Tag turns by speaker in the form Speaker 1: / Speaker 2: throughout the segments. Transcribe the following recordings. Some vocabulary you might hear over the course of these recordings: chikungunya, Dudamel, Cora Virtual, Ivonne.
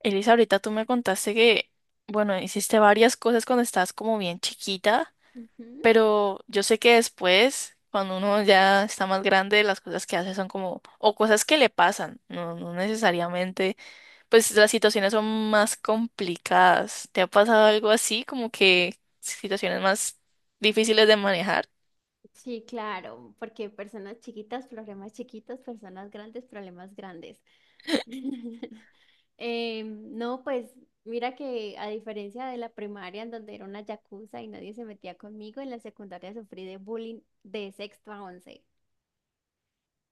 Speaker 1: Elisa, ahorita tú me contaste que, bueno, hiciste varias cosas cuando estabas como bien chiquita,
Speaker 2: Ujú.
Speaker 1: pero yo sé que después, cuando uno ya está más grande, las cosas que hace son como, o cosas que le pasan, no necesariamente, pues las situaciones son más complicadas. ¿Te ha pasado algo así, como que situaciones más difíciles de manejar?
Speaker 2: Sí, claro, porque personas chiquitas, problemas chiquitos, personas grandes, problemas grandes. No, pues mira que a diferencia de la primaria en donde era una yakuza y nadie se metía conmigo, en la secundaria sufrí de bullying de sexto a once.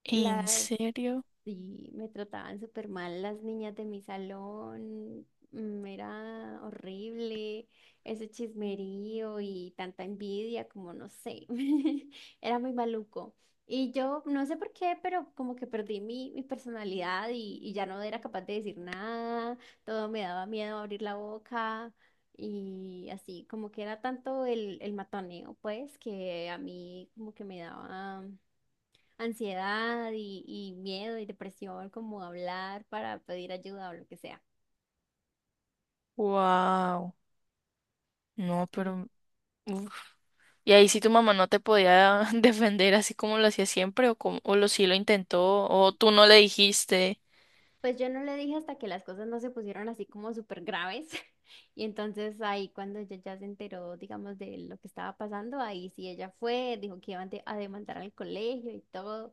Speaker 1: ¿En
Speaker 2: Las
Speaker 1: serio?
Speaker 2: Sí, me trataban súper mal las niñas de mi salón, era horrible ese chismerío y tanta envidia, como no sé, era muy maluco. Y yo no sé por qué, pero como que perdí mi personalidad y ya no era capaz de decir nada, todo me daba miedo abrir la boca y así, como que era tanto el matoneo, pues, que a mí como que me daba ansiedad y miedo y depresión, como hablar para pedir ayuda o lo que sea.
Speaker 1: Wow. No,
Speaker 2: Y
Speaker 1: pero uf. Y ahí sí tu mamá no te podía defender así como lo hacía siempre o como, o lo sí lo intentó o tú no le dijiste.
Speaker 2: pues yo no le dije hasta que las cosas no se pusieron así como súper graves. Y entonces ahí cuando ella ya se enteró, digamos, de lo que estaba pasando, ahí sí ella fue, dijo que iba a demandar al colegio y todo,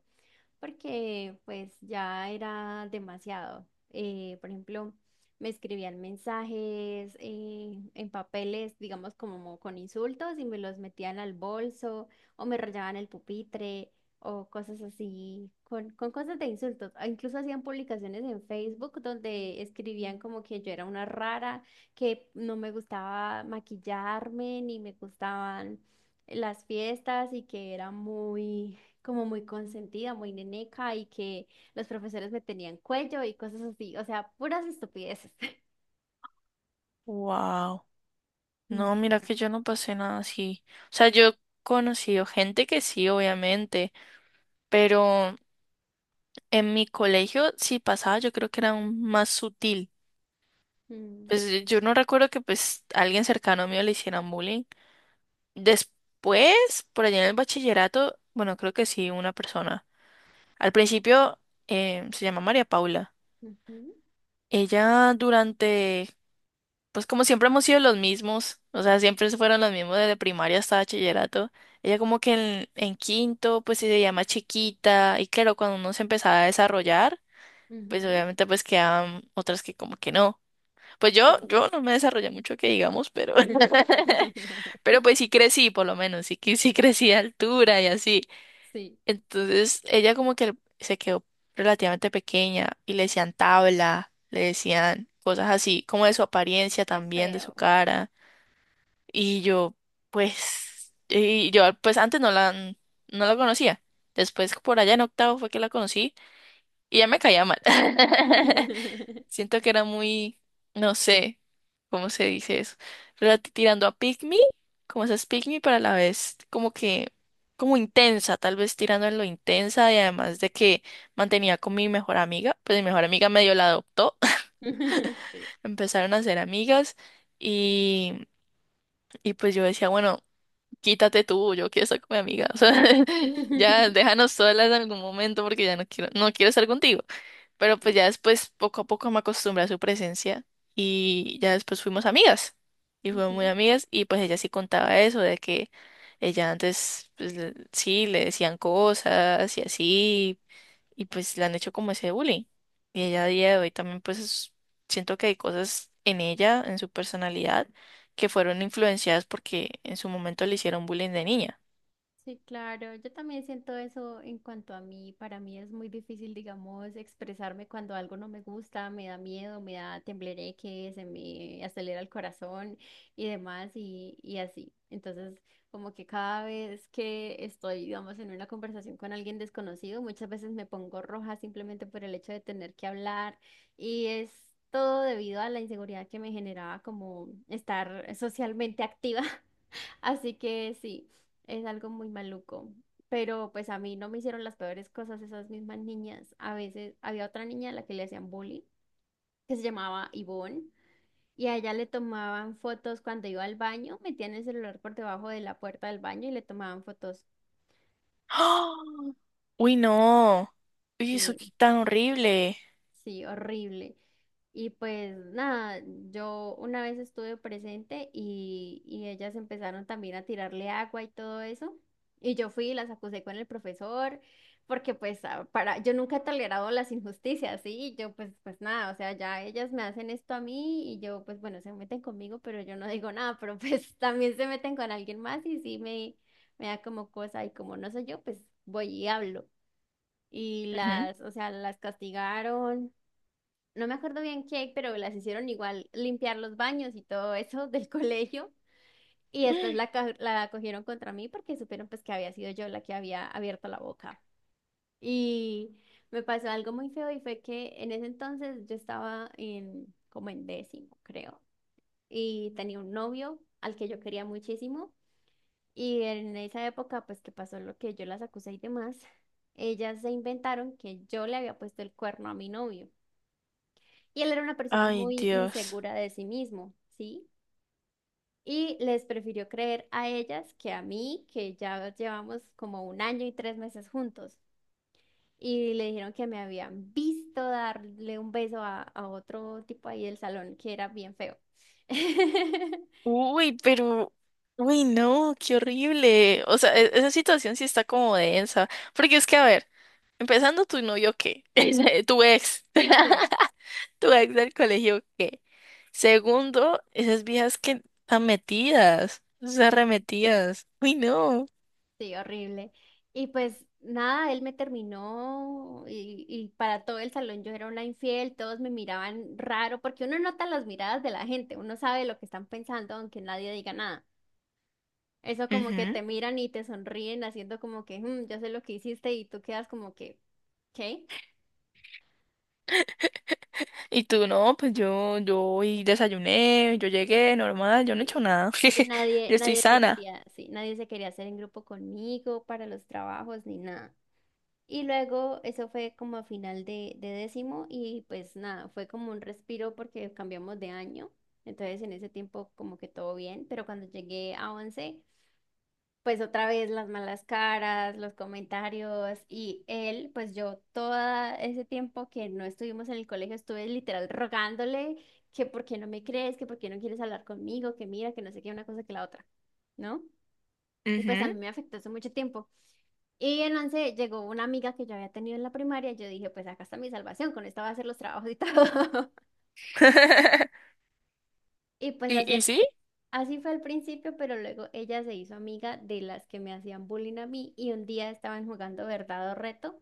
Speaker 2: porque pues ya era demasiado. Por ejemplo, me escribían mensajes en papeles, digamos como con insultos y me los metían al bolso o me rayaban el pupitre o cosas así, con cosas de insultos. Incluso hacían publicaciones en Facebook donde escribían como que yo era una rara, que no me gustaba maquillarme ni me gustaban las fiestas y que era muy como muy consentida, muy neneca y que los profesores me tenían cuello y cosas así, o sea, puras estupideces.
Speaker 1: Wow.
Speaker 2: Mm,
Speaker 1: No, mira que yo no pasé nada así. O sea, yo he conocido gente que sí, obviamente, pero en mi colegio sí pasaba, yo creo que era aún más sutil.
Speaker 2: mm,
Speaker 1: Pues yo no recuerdo que pues alguien cercano mío le hicieran bullying. Después, por allá en el bachillerato, bueno, creo que sí, una persona. Al principio se llama María Paula.
Speaker 2: ujú,
Speaker 1: Ella durante, pues como siempre hemos sido los mismos, o sea, siempre fueron los mismos desde primaria hasta bachillerato. Ella como que en quinto, pues sí se llama chiquita, y claro, cuando uno se empezaba a desarrollar, pues
Speaker 2: ujú,
Speaker 1: obviamente pues quedaban otras que como que no. Pues yo,
Speaker 2: sí.
Speaker 1: yo no me desarrollé mucho que digamos, pero, pero pues sí crecí, por lo menos, sí, sí crecí de altura y así.
Speaker 2: Sí.
Speaker 1: Entonces ella como que se quedó relativamente pequeña y le decían tabla, le decían cosas así, como de su apariencia
Speaker 2: Qué
Speaker 1: también, de su
Speaker 2: feo.
Speaker 1: cara. Y yo, y yo pues antes no la conocía. Después por allá en octavo fue que la conocí y ya me caía mal. Siento que era muy, no sé, ¿cómo se dice eso? Tirando a pick me, como esas pick me, pero a la vez como que, como intensa, tal vez tirando en lo intensa, y además de que mantenía con mi mejor amiga, pues mi mejor amiga medio la adoptó,
Speaker 2: Sí.
Speaker 1: empezaron a ser amigas y, y pues yo decía, bueno, quítate tú, yo quiero estar con mi amiga, o sea, ya déjanos solas en algún momento porque ya no quiero estar contigo. Pero pues
Speaker 2: Sí.
Speaker 1: ya después, poco a poco me acostumbré a su presencia y ya después fuimos amigas. Y fuimos muy
Speaker 2: Ujú.
Speaker 1: amigas y pues ella sí contaba eso, de que ella antes, sí, le decían cosas y así, y pues le han hecho como ese bullying. Y ella a día de hoy también pues siento que hay cosas en ella, en su personalidad, que fueron influenciadas porque en su momento le hicieron bullying de niña.
Speaker 2: Sí, claro, yo también siento eso en cuanto a mí. Para mí es muy difícil, digamos, expresarme cuando algo no me gusta, me da miedo, me da temblereque, se me acelera el corazón y demás y así. Entonces, como que cada vez que estoy, digamos, en una conversación con alguien desconocido, muchas veces me pongo roja simplemente por el hecho de tener que hablar y es todo debido a la inseguridad que me generaba como estar socialmente activa. Así que sí, es algo muy maluco. Pero pues a mí no me hicieron las peores cosas esas mismas niñas. A veces había otra niña a la que le hacían bullying, que se llamaba Ivonne, y a ella le tomaban fotos cuando iba al baño, metían el celular por debajo de la puerta del baño y le tomaban fotos.
Speaker 1: ¡Ah! Uy, no. Uy, eso qué tan horrible.
Speaker 2: Sí, horrible. Y pues nada, yo una vez estuve presente y ellas empezaron también a tirarle agua y todo eso. Y yo fui y las acusé con el profesor, porque pues yo nunca he tolerado las injusticias, ¿sí? Y yo pues, pues nada, o sea, ya ellas me hacen esto a mí y yo pues bueno, se meten conmigo, pero yo no digo nada, pero pues también se meten con alguien más y sí me da como cosa y como no soy yo, pues voy y hablo. Y las, o sea, las castigaron, no me acuerdo bien qué, pero las hicieron igual limpiar los baños y todo eso del colegio. Y después
Speaker 1: Ujú.
Speaker 2: la cogieron contra mí porque supieron pues que había sido yo la que había abierto la boca. Y me pasó algo muy feo y fue que en ese entonces yo estaba en como en décimo, creo. Y tenía un novio al que yo quería muchísimo. Y en esa época pues que pasó lo que yo las acusé y demás, ellas se inventaron que yo le había puesto el cuerno a mi novio. Y él era una persona
Speaker 1: Ay,
Speaker 2: muy
Speaker 1: Dios.
Speaker 2: insegura de sí mismo, ¿sí? Y les prefirió creer a ellas que a mí, que ya llevamos como un año y tres meses juntos. Y le dijeron que me habían visto darle un beso a otro tipo ahí del salón que era bien feo.
Speaker 1: Uy, pero... Uy, no, qué horrible. O sea,
Speaker 2: Sí.
Speaker 1: esa situación sí está como densa. Porque es que, a ver, empezando tu novio, ¿qué? Ese, tu ex.
Speaker 2: Sí.
Speaker 1: Tu ex del colegio, ¿qué? Segundo, esas viejas que están metidas, esas arremetidas. Uy, no.
Speaker 2: Sí, horrible. Y pues nada, él me terminó y para todo el salón yo era una infiel, todos me miraban raro, porque uno nota las miradas de la gente, uno sabe lo que están pensando aunque nadie diga nada. Eso como que
Speaker 1: Ujú.
Speaker 2: te miran y te sonríen haciendo como que, "Mm, yo sé lo que hiciste" y tú quedas como que, ¿qué?
Speaker 1: Y tú no, pues yo hoy desayuné, yo llegué normal, yo no he hecho
Speaker 2: Sí.
Speaker 1: nada.
Speaker 2: Y nadie,
Speaker 1: Yo estoy
Speaker 2: nadie se
Speaker 1: sana.
Speaker 2: quería, sí, nadie se quería hacer en grupo conmigo para los trabajos ni nada. Y luego eso fue como a final de décimo y pues nada, fue como un respiro porque cambiamos de año. Entonces en ese tiempo como que todo bien, pero cuando llegué a once, pues otra vez las malas caras, los comentarios y él, pues yo todo ese tiempo que no estuvimos en el colegio estuve literal rogándole que por qué no me crees, que por qué no quieres hablar conmigo, que mira, que no sé qué, una cosa que la otra, ¿no? Y pues a
Speaker 1: Ujú.
Speaker 2: mí me afectó hace mucho tiempo. Y en once llegó una amiga que yo había tenido en la primaria y yo dije, pues acá está mi salvación, con esta va a hacer los trabajos y todo. Y pues
Speaker 1: ¿Y,
Speaker 2: así,
Speaker 1: y sí?
Speaker 2: así fue al principio, pero luego ella se hizo amiga de las que me hacían bullying a mí y un día estaban jugando verdad o reto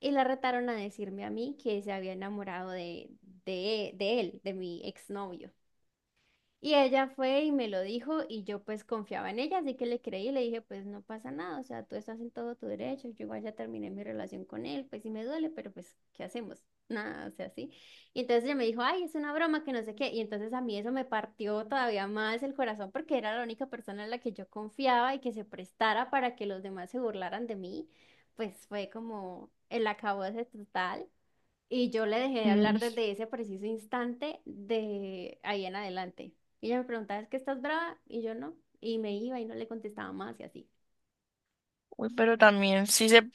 Speaker 2: y la retaron a decirme a mí que se había enamorado de, de él, de mi exnovio. Y ella fue y me lo dijo y yo pues confiaba en ella, así que le creí y le dije, pues no pasa nada, o sea, tú estás en todo tu derecho, yo igual ya terminé mi relación con él, pues sí me duele, pero pues, ¿qué hacemos? Nada, o sea, sí. Y entonces ella me dijo, ay, es una broma, que no sé qué. Y entonces a mí eso me partió todavía más el corazón porque era la única persona en la que yo confiaba y que se prestara para que los demás se burlaran de mí, pues fue como el acabose total. Y yo le dejé de hablar desde ese preciso instante de ahí en adelante. Y ella me preguntaba, ¿es que estás brava? Y yo no. Y me iba y no le contestaba más y así.
Speaker 1: Uy, pero también sí se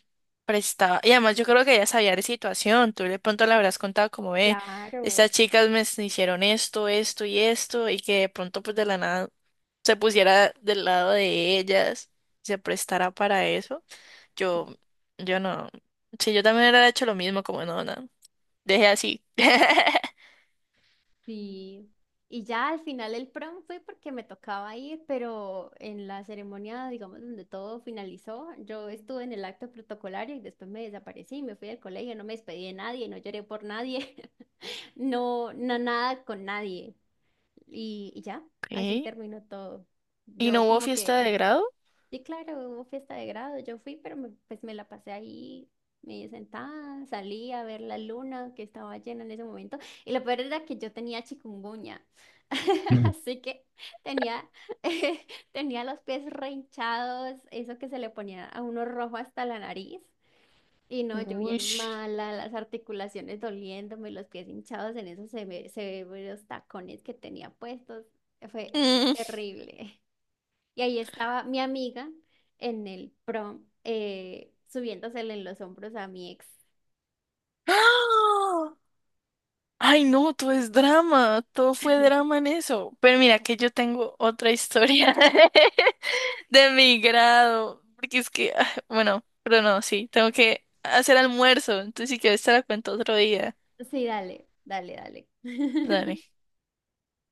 Speaker 1: prestaba. Y además yo creo que ella sabía de situación. Tú de pronto le habrás contado como, ve, estas
Speaker 2: Claro.
Speaker 1: chicas me s- hicieron esto, esto y esto, y que de pronto pues de la nada se pusiera del lado de ellas, se prestara para eso.
Speaker 2: Sí.
Speaker 1: Yo, yo no. Sí, yo también hubiera hecho lo mismo, como no, no. Dejé así.
Speaker 2: Sí. Y ya al final el prom fue porque me tocaba ir, pero en la ceremonia, digamos, donde todo finalizó, yo estuve en el acto protocolario y después me desaparecí, me fui del colegio, no me despedí de nadie, no lloré por nadie, no, no nada con nadie. Y ya,
Speaker 1: Ok.
Speaker 2: así terminó todo.
Speaker 1: ¿Y no
Speaker 2: Yo
Speaker 1: hubo
Speaker 2: como
Speaker 1: fiesta de
Speaker 2: que,
Speaker 1: grado?
Speaker 2: sí, claro, hubo fiesta de grado, yo fui, pero pues me la pasé ahí, me sentada, salí a ver la luna que estaba llena en ese momento. Y lo peor era que yo tenía chikungunya,
Speaker 1: Mm.
Speaker 2: así que tenía, tenía los pies re hinchados, eso que se le ponía a uno rojo hasta la nariz. Y no, yo
Speaker 1: Uy.
Speaker 2: bien mala, las articulaciones doliéndome, los pies hinchados en esos ve se ve los tacones que tenía puestos. Fue terrible. Y ahí estaba mi amiga en el prom, subiéndosele en los hombros a mi ex.
Speaker 1: Ay, no, todo es drama, todo fue drama en eso. Pero mira que yo tengo otra historia de mi grado, porque es que, ah, bueno, pero no, sí, tengo que hacer almuerzo, entonces si quieres te la cuento otro día.
Speaker 2: Sí, dale, dale, dale.
Speaker 1: Dale.